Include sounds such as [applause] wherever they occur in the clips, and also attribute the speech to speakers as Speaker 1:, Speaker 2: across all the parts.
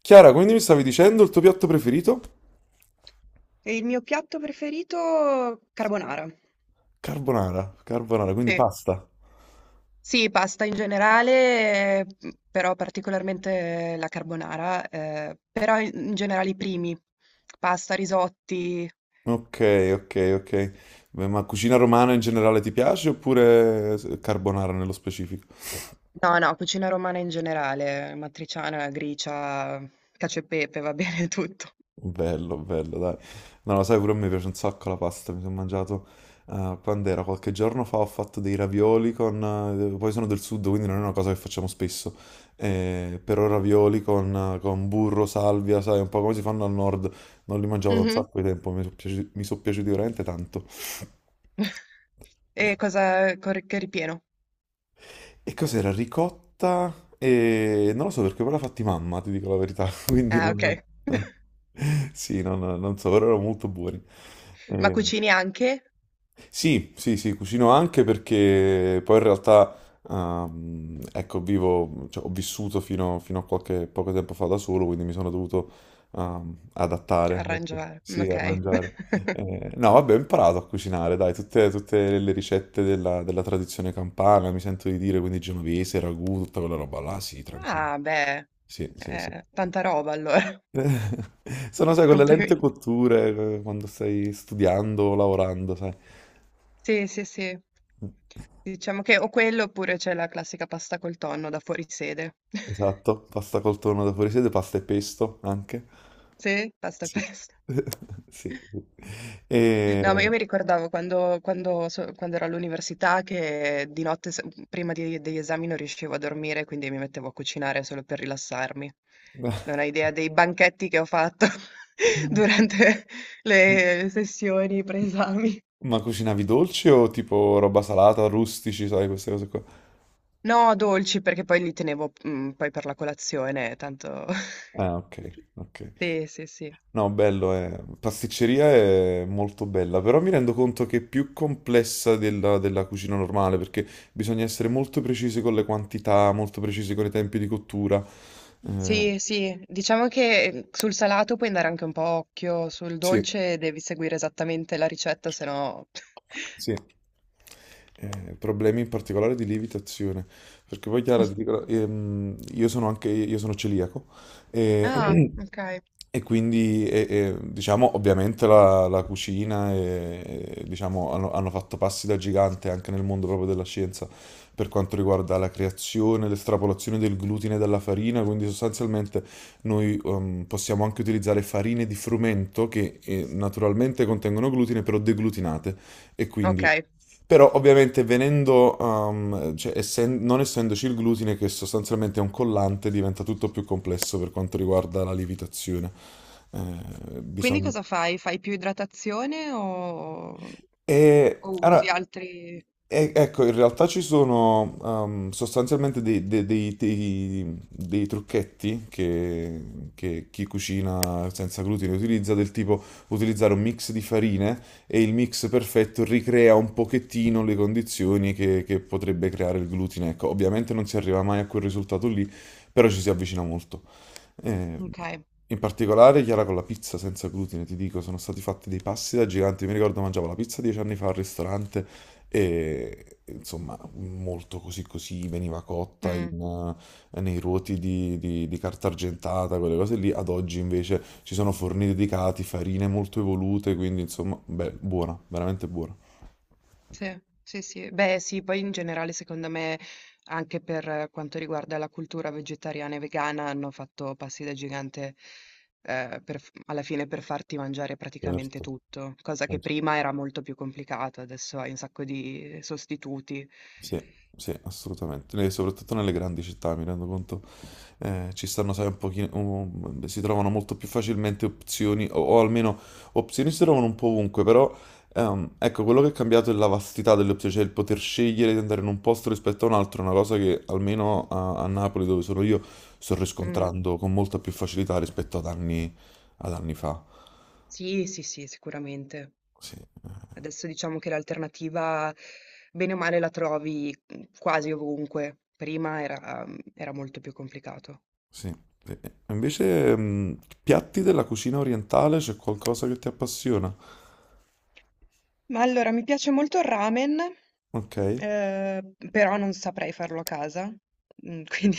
Speaker 1: Chiara, quindi mi stavi dicendo il tuo piatto preferito?
Speaker 2: E il mio piatto preferito carbonara.
Speaker 1: Carbonara, quindi
Speaker 2: Sì.
Speaker 1: pasta.
Speaker 2: Sì, pasta in generale, mhmm, però particolarmente la carbonara, però i in generale i primi, pasta, risotti.
Speaker 1: Ok, ok. Ma cucina romana in generale ti piace oppure carbonara nello specifico?
Speaker 2: No, no, cucina romana in generale, matriciana, gricia, cacio e pepe, va [laughs] bene tutto.
Speaker 1: Bello, bello, dai. No, lo sai, pure a me piace un sacco la pasta. Mi sono mangiato quando era qualche giorno fa, ho fatto dei ravioli con... poi sono del sud, quindi non è una cosa che facciamo spesso. Però ravioli con, burro, salvia, sai, un po' come si fanno al nord. Non li mangiavo da un
Speaker 2: Mh-mh.
Speaker 1: sacco di tempo, mi sono piaciuti veramente tanto.
Speaker 2: [laughs] E cosa con che ripieno?
Speaker 1: E cos'era? Ricotta? E non lo so perché poi l'ha fatti mamma, ti dico la verità. [laughs] Quindi
Speaker 2: Ah, okay.
Speaker 1: non... [laughs]
Speaker 2: [laughs]
Speaker 1: Sì, non so, però erano molto buoni.
Speaker 2: Ma
Speaker 1: Eh,
Speaker 2: cucini anche?
Speaker 1: Sì, sì, cucino anche perché poi in realtà, ecco, ho vissuto fino a qualche poco tempo fa da solo, quindi mi sono dovuto, adattare, ecco.
Speaker 2: Arrangiare,
Speaker 1: Sì,
Speaker 2: okay.
Speaker 1: arrangiare.
Speaker 2: [laughs]
Speaker 1: No, vabbè, ho imparato a cucinare, dai, tutte le ricette della tradizione campana, mi sento di dire, quindi genovese, ragù, tutta quella roba là, sì, tranquillo.
Speaker 2: Ah beh,
Speaker 1: Sì, sì, sì.
Speaker 2: tanta roba allora,
Speaker 1: [laughs] Sono, sai,
Speaker 2: [laughs]
Speaker 1: con le lente
Speaker 2: complimenti.
Speaker 1: cotture, quando stai studiando, lavorando, sai.
Speaker 2: Sì, sì, sì. Diciamo che o quello oppure c'è la classica pasta col tonno da fuorisede. [laughs]
Speaker 1: Esatto, pasta col tonno da fuorisede, pasta e pesto anche.
Speaker 2: Sì, pasta e
Speaker 1: Sì.
Speaker 2: pesto.
Speaker 1: [laughs] Sì. E...
Speaker 2: No, ma io mi ricordavo quando ero all'università che di notte, degli esami, non riuscivo a dormire, quindi mi mettevo a cucinare solo per rilassarmi. Non hai idea dei banchetti che ho fatto [laughs] durante le sessioni pre-esami.
Speaker 1: Ma cucinavi dolci o tipo roba salata, rustici, sai, queste cose qua?
Speaker 2: No, dolci, perché poi li tenevo, mm, poi per la colazione, tanto... [laughs]
Speaker 1: Ah, ok, ok.
Speaker 2: Sì, sì, sì.
Speaker 1: No, bello, eh. Pasticceria è molto bella, però mi rendo conto che è più complessa della cucina normale, perché bisogna essere molto precisi con le quantità, molto precisi con i tempi di cottura. Eh,
Speaker 2: Sì, sì, diciamo che sul salato puoi andare anche un po' a occhio, sul
Speaker 1: sì.
Speaker 2: dolce devi seguire esattamente la ricetta, se no...
Speaker 1: Sì, problemi in particolare di lievitazione, perché poi Chiara, ti dico,
Speaker 2: [laughs]
Speaker 1: io sono anche, io sono celiaco e,
Speaker 2: Ah, ok.
Speaker 1: [clears throat] diciamo, ovviamente la cucina diciamo, hanno fatto passi da gigante anche nel mondo proprio della scienza per quanto riguarda la creazione, l'estrapolazione del glutine dalla farina, quindi sostanzialmente noi possiamo anche utilizzare farine di frumento che naturalmente contengono glutine, però deglutinate. E
Speaker 2: Ok.
Speaker 1: quindi, però ovviamente venendo, um, cioè, essen- non essendoci il glutine che sostanzialmente è un collante, diventa tutto più complesso per quanto riguarda la lievitazione.
Speaker 2: Quindi
Speaker 1: Bisogna...
Speaker 2: cosa fai? Fai più idratazione
Speaker 1: E
Speaker 2: o usi
Speaker 1: allora,
Speaker 2: altri...
Speaker 1: ecco, in realtà ci sono sostanzialmente dei trucchetti che chi cucina senza glutine utilizza, del tipo utilizzare un mix di farine e il mix perfetto ricrea un pochettino le condizioni che potrebbe creare il glutine. Ecco, ovviamente non si arriva mai a quel risultato lì, però ci si avvicina molto. Eh,
Speaker 2: Ok.
Speaker 1: In particolare, Chiara, con la pizza senza glutine, ti dico, sono stati fatti dei passi da giganti. Mi ricordo mangiavo la pizza 10 anni fa al ristorante e insomma, molto così così, veniva cotta
Speaker 2: Mm.
Speaker 1: in, nei ruoti di carta argentata, quelle cose lì. Ad oggi invece ci sono forni dedicati, farine molto evolute, quindi insomma, beh, buona, veramente buona.
Speaker 2: Sì, sì, sì. Beh, sì, poi in generale secondo me anche per quanto riguarda la cultura vegetariana e vegana hanno fatto passi da gigante per alla fine per farti mangiare praticamente
Speaker 1: Certo,
Speaker 2: tutto, cosa che
Speaker 1: certo.
Speaker 2: prima era molto più complicata, adesso hai un sacco di sostituti.
Speaker 1: Sì, sì, assolutamente. E soprattutto nelle grandi città, mi rendo conto. Ci stanno, sai, si trovano molto più facilmente opzioni, o almeno opzioni si trovano un po' ovunque, però ecco, quello che è cambiato è la vastità delle opzioni, cioè il poter scegliere di andare in un posto rispetto a un altro, è una cosa che almeno a Napoli, dove sono io, sto
Speaker 2: Mm,
Speaker 1: riscontrando con molta più facilità rispetto ad anni fa.
Speaker 2: sì, sì, sì, sicuramente.
Speaker 1: Sì,
Speaker 2: Adesso diciamo che l'alternativa, bene o male, la trovi mm, quasi ovunque. Prima era, era molto più complicato.
Speaker 1: sì. Invece, mm, piatti della cucina orientale, c'è qualcosa che ti appassiona?
Speaker 2: Ma allora, mi piace molto il ramen.
Speaker 1: Ok,
Speaker 2: Però non saprei farlo a casa, mhmm, quindi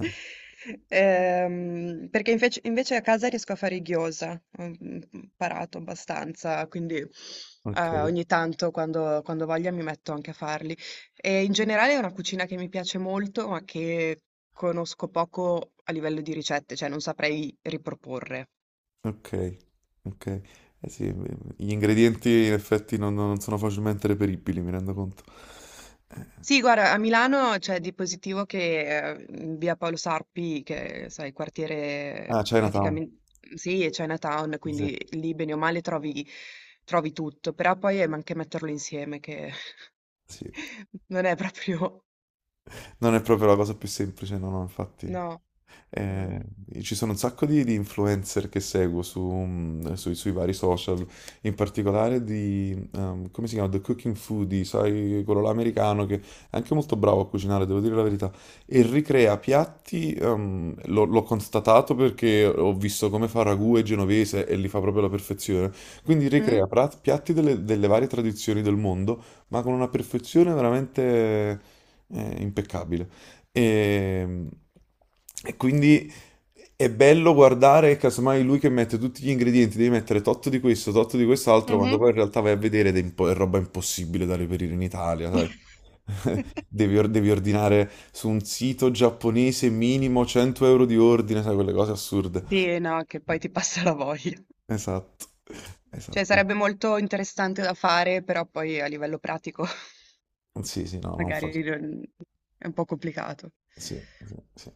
Speaker 2: [laughs] perché invece a casa riesco a fare i gyoza, ho mhmm, imparato abbastanza, quindi,
Speaker 1: ok.
Speaker 2: ogni tanto quando ho voglia mi metto anche a farli. E in generale è una cucina che mi piace molto, ma che conosco poco a livello di ricette, cioè non saprei riproporre.
Speaker 1: Ok, ok. Eh sì, gli ingredienti in effetti non sono facilmente reperibili, mi rendo conto.
Speaker 2: Sì, guarda, a Milano c'è di positivo che, in via Paolo Sarpi, che sai,
Speaker 1: Ah,
Speaker 2: quartiere
Speaker 1: Chinatown.
Speaker 2: praticamen sì, è Chinatown,
Speaker 1: Sì.
Speaker 2: quindi lì bene o male trovi, trovi tutto, però poi è anche metterlo insieme che
Speaker 1: Sì.
Speaker 2: [laughs] non è proprio...
Speaker 1: Non è proprio la cosa più semplice, no, no, infatti.
Speaker 2: No, no, no.
Speaker 1: Eh, ci sono un sacco di influencer che seguo su, mm, sui vari social, in particolare di, come si chiama? The Cooking Foodie, sai, quello là americano che è anche molto bravo a cucinare, devo dire la verità, e ricrea piatti, l'ho constatato perché ho visto come fa ragù e genovese e li fa proprio alla perfezione, quindi
Speaker 2: Mm?
Speaker 1: piatti delle varie tradizioni del mondo, ma con una perfezione veramente, impeccabile. E, e quindi è bello guardare, casomai lui che mette tutti gli ingredienti, devi mettere tot di questo, tot di quest'altro, quando
Speaker 2: Mhm.
Speaker 1: poi in realtà vai a vedere ed è, è roba impossibile da reperire in Italia, sai? [laughs]
Speaker 2: [laughs]
Speaker 1: Devi ordinare su un sito giapponese minimo 100 euro di ordine, sai, quelle cose assurde.
Speaker 2: Sì, no, che poi ti passa la voglia.
Speaker 1: Esatto,
Speaker 2: Cioè,
Speaker 1: esatto.
Speaker 2: sarebbe molto interessante da fare, però poi a livello pratico [laughs]
Speaker 1: Sì, sì, no, non fa. Sì,
Speaker 2: magari non- è un po' complicato.
Speaker 1: sì, sì.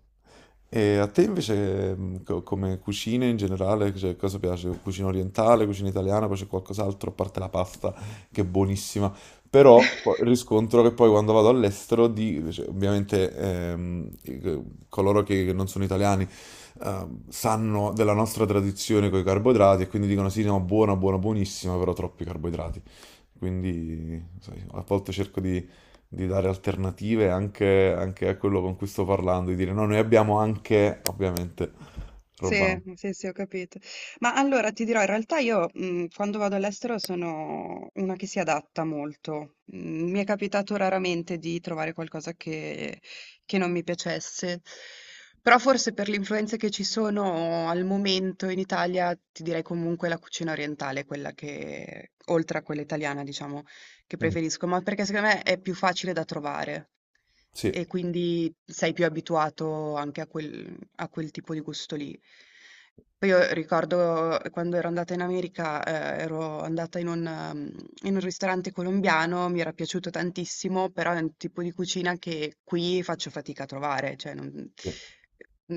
Speaker 1: E a te invece, come cucine in generale, cioè, cosa piace? Cucina orientale, cucina italiana, poi c'è qualcos'altro, a parte la pasta, che è buonissima. Però
Speaker 2: [laughs]
Speaker 1: poi riscontro che poi quando vado all'estero, ovviamente coloro che non sono italiani sanno della nostra tradizione con i carboidrati e quindi dicono sì, no, buona, buona, buonissima, però troppi carboidrati. Quindi, sai, a volte cerco di dare alternative anche a quello con cui sto parlando, di dire no, noi abbiamo anche, ovviamente, roba.
Speaker 2: Sì,
Speaker 1: No.
Speaker 2: sì, sì, ho capito. Ma allora ti dirò, in realtà io, mhmm, quando vado all'estero sono una che si adatta molto. Mhmm, mi è capitato raramente di trovare qualcosa che non mi piacesse, però forse per le influenze che ci sono al momento in Italia, ti direi comunque la cucina orientale è quella che oltre a quella italiana diciamo, che
Speaker 1: Mm,
Speaker 2: preferisco, ma perché secondo me è più facile da trovare
Speaker 1: Sì,
Speaker 2: e quindi sei più abituato anche a quel ha quel tipo di gusto lì. Poi io ricordo quando ero andata in America, ero andata in un mhmm, in un ristorante colombiano, mi era piaciuto tantissimo, però è un tipo di cucina che qui faccio fatica a trovare, cioè
Speaker 1: sì,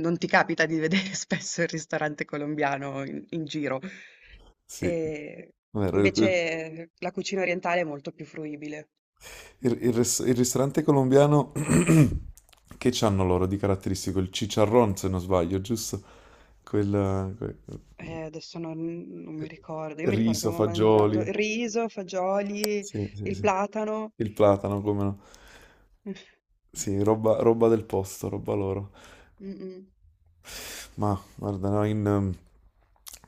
Speaker 2: non ti capita di vedere [laughs] spesso il ristorante colombiano in giro.
Speaker 1: sì.
Speaker 2: Ehm,
Speaker 1: Vero,
Speaker 2: Invece la cucina orientale è molto più fruibile.
Speaker 1: il ristorante colombiano [clears throat] che c'hanno loro di caratteristico? Il chicharrón, se non sbaglio, giusto? Quel, quel-
Speaker 2: Adesso non mi
Speaker 1: eh,
Speaker 2: ricordo. Io mi ricordo che
Speaker 1: riso,
Speaker 2: avevo mangiato
Speaker 1: fagioli.
Speaker 2: riso, fagioli,
Speaker 1: Sì, sì,
Speaker 2: il
Speaker 1: sì.
Speaker 2: platano.
Speaker 1: Il platano, come no.
Speaker 2: Mh,
Speaker 1: Sì, roba, roba del posto, roba loro.
Speaker 2: mh-mh.
Speaker 1: Ma guarda, no, in,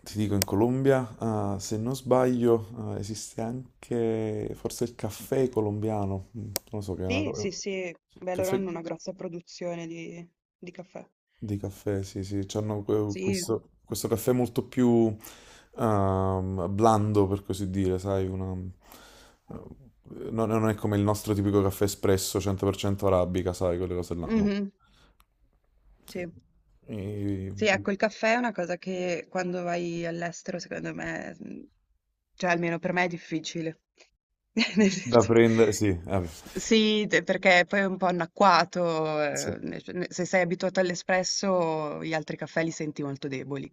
Speaker 1: Ti dico, in Colombia, ah, se non sbaglio, ah, esiste anche forse il caffè colombiano. Mm, non lo so che è una
Speaker 2: Sì,
Speaker 1: cosa.
Speaker 2: sì, sì. Beh, loro
Speaker 1: Caffè...
Speaker 2: hanno una grossa produzione di caffè.
Speaker 1: Di caffè, sì, sì,
Speaker 2: Sì,
Speaker 1: questo, questo caffè molto più blando, per così dire, sai, non è come il nostro tipico caffè espresso 100% arabica, sai, quelle cose là, no.
Speaker 2: mh-mh,
Speaker 1: Sì.
Speaker 2: sì.
Speaker 1: E-
Speaker 2: Sì, ecco, il caffè è una cosa che quando vai all'estero, secondo me, mhmm, cioè almeno per me è difficile. [laughs] Nel
Speaker 1: Da
Speaker 2: senso
Speaker 1: prendere, sì,
Speaker 2: sì, te perché poi è un po' annacquato,
Speaker 1: sì.
Speaker 2: ne cioè ne se sei abituato all'espresso, gli altri caffè li senti molto deboli.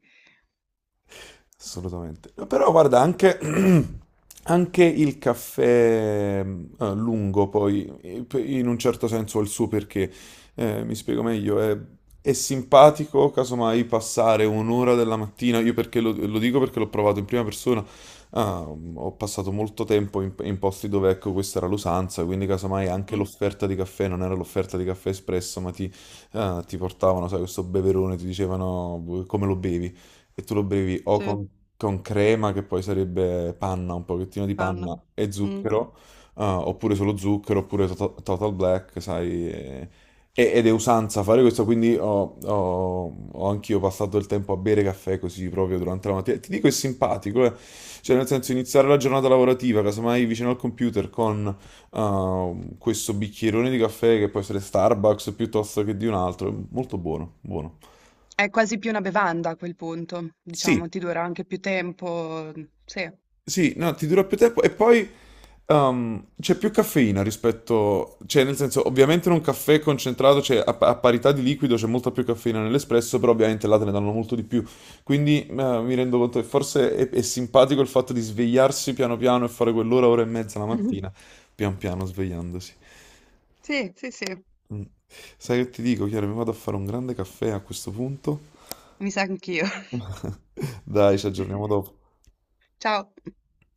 Speaker 1: Assolutamente. Però guarda, anche, [clears throat] anche il caffè lungo, poi, in un certo senso ha il suo perché, mi spiego meglio, è simpatico, casomai, passare un'ora della mattina, lo dico perché l'ho provato in prima persona, ah, ho passato molto tempo in posti dove, ecco, questa era l'usanza, quindi casomai anche
Speaker 2: Mh-mh.
Speaker 1: l'offerta di caffè non era l'offerta di caffè espresso, ma ti, ti portavano, sai, questo beverone, ti dicevano come lo bevi. E tu lo bevi o
Speaker 2: Sì,
Speaker 1: con crema, che poi sarebbe panna, un pochettino di
Speaker 2: panna.
Speaker 1: panna e
Speaker 2: Mh.
Speaker 1: zucchero, oppure solo zucchero, Total Black, sai. Ed è usanza fare questo, quindi ho anch'io passato il tempo a bere caffè così proprio durante la mattina. Ti dico, è simpatico, eh. Cioè, nel senso, iniziare la giornata lavorativa, casomai vicino al computer, con questo bicchierone di caffè che può essere Starbucks piuttosto che di un altro, è molto buono, buono.
Speaker 2: È quasi più una bevanda a quel punto,
Speaker 1: Sì,
Speaker 2: diciamo, ti dura anche più tempo. Sì.
Speaker 1: sì, no, ti dura più tempo e poi c'è più caffeina rispetto, cioè nel senso ovviamente in un caffè concentrato, a parità di liquido c'è molta più caffeina nell'espresso, però ovviamente là te ne danno molto di più, quindi mi rendo conto che forse è simpatico il fatto di svegliarsi piano piano e fare quell'ora, ora e mezza la mattina,
Speaker 2: [laughs]
Speaker 1: pian piano svegliandosi.
Speaker 2: Sì, sì, sì,
Speaker 1: Mm. Sai che ti dico, Chiara, mi vado a fare un grande caffè a questo punto.
Speaker 2: mi sa anch'io. [laughs]
Speaker 1: [laughs] Dai, ci aggiorniamo dopo.
Speaker 2: Ciao.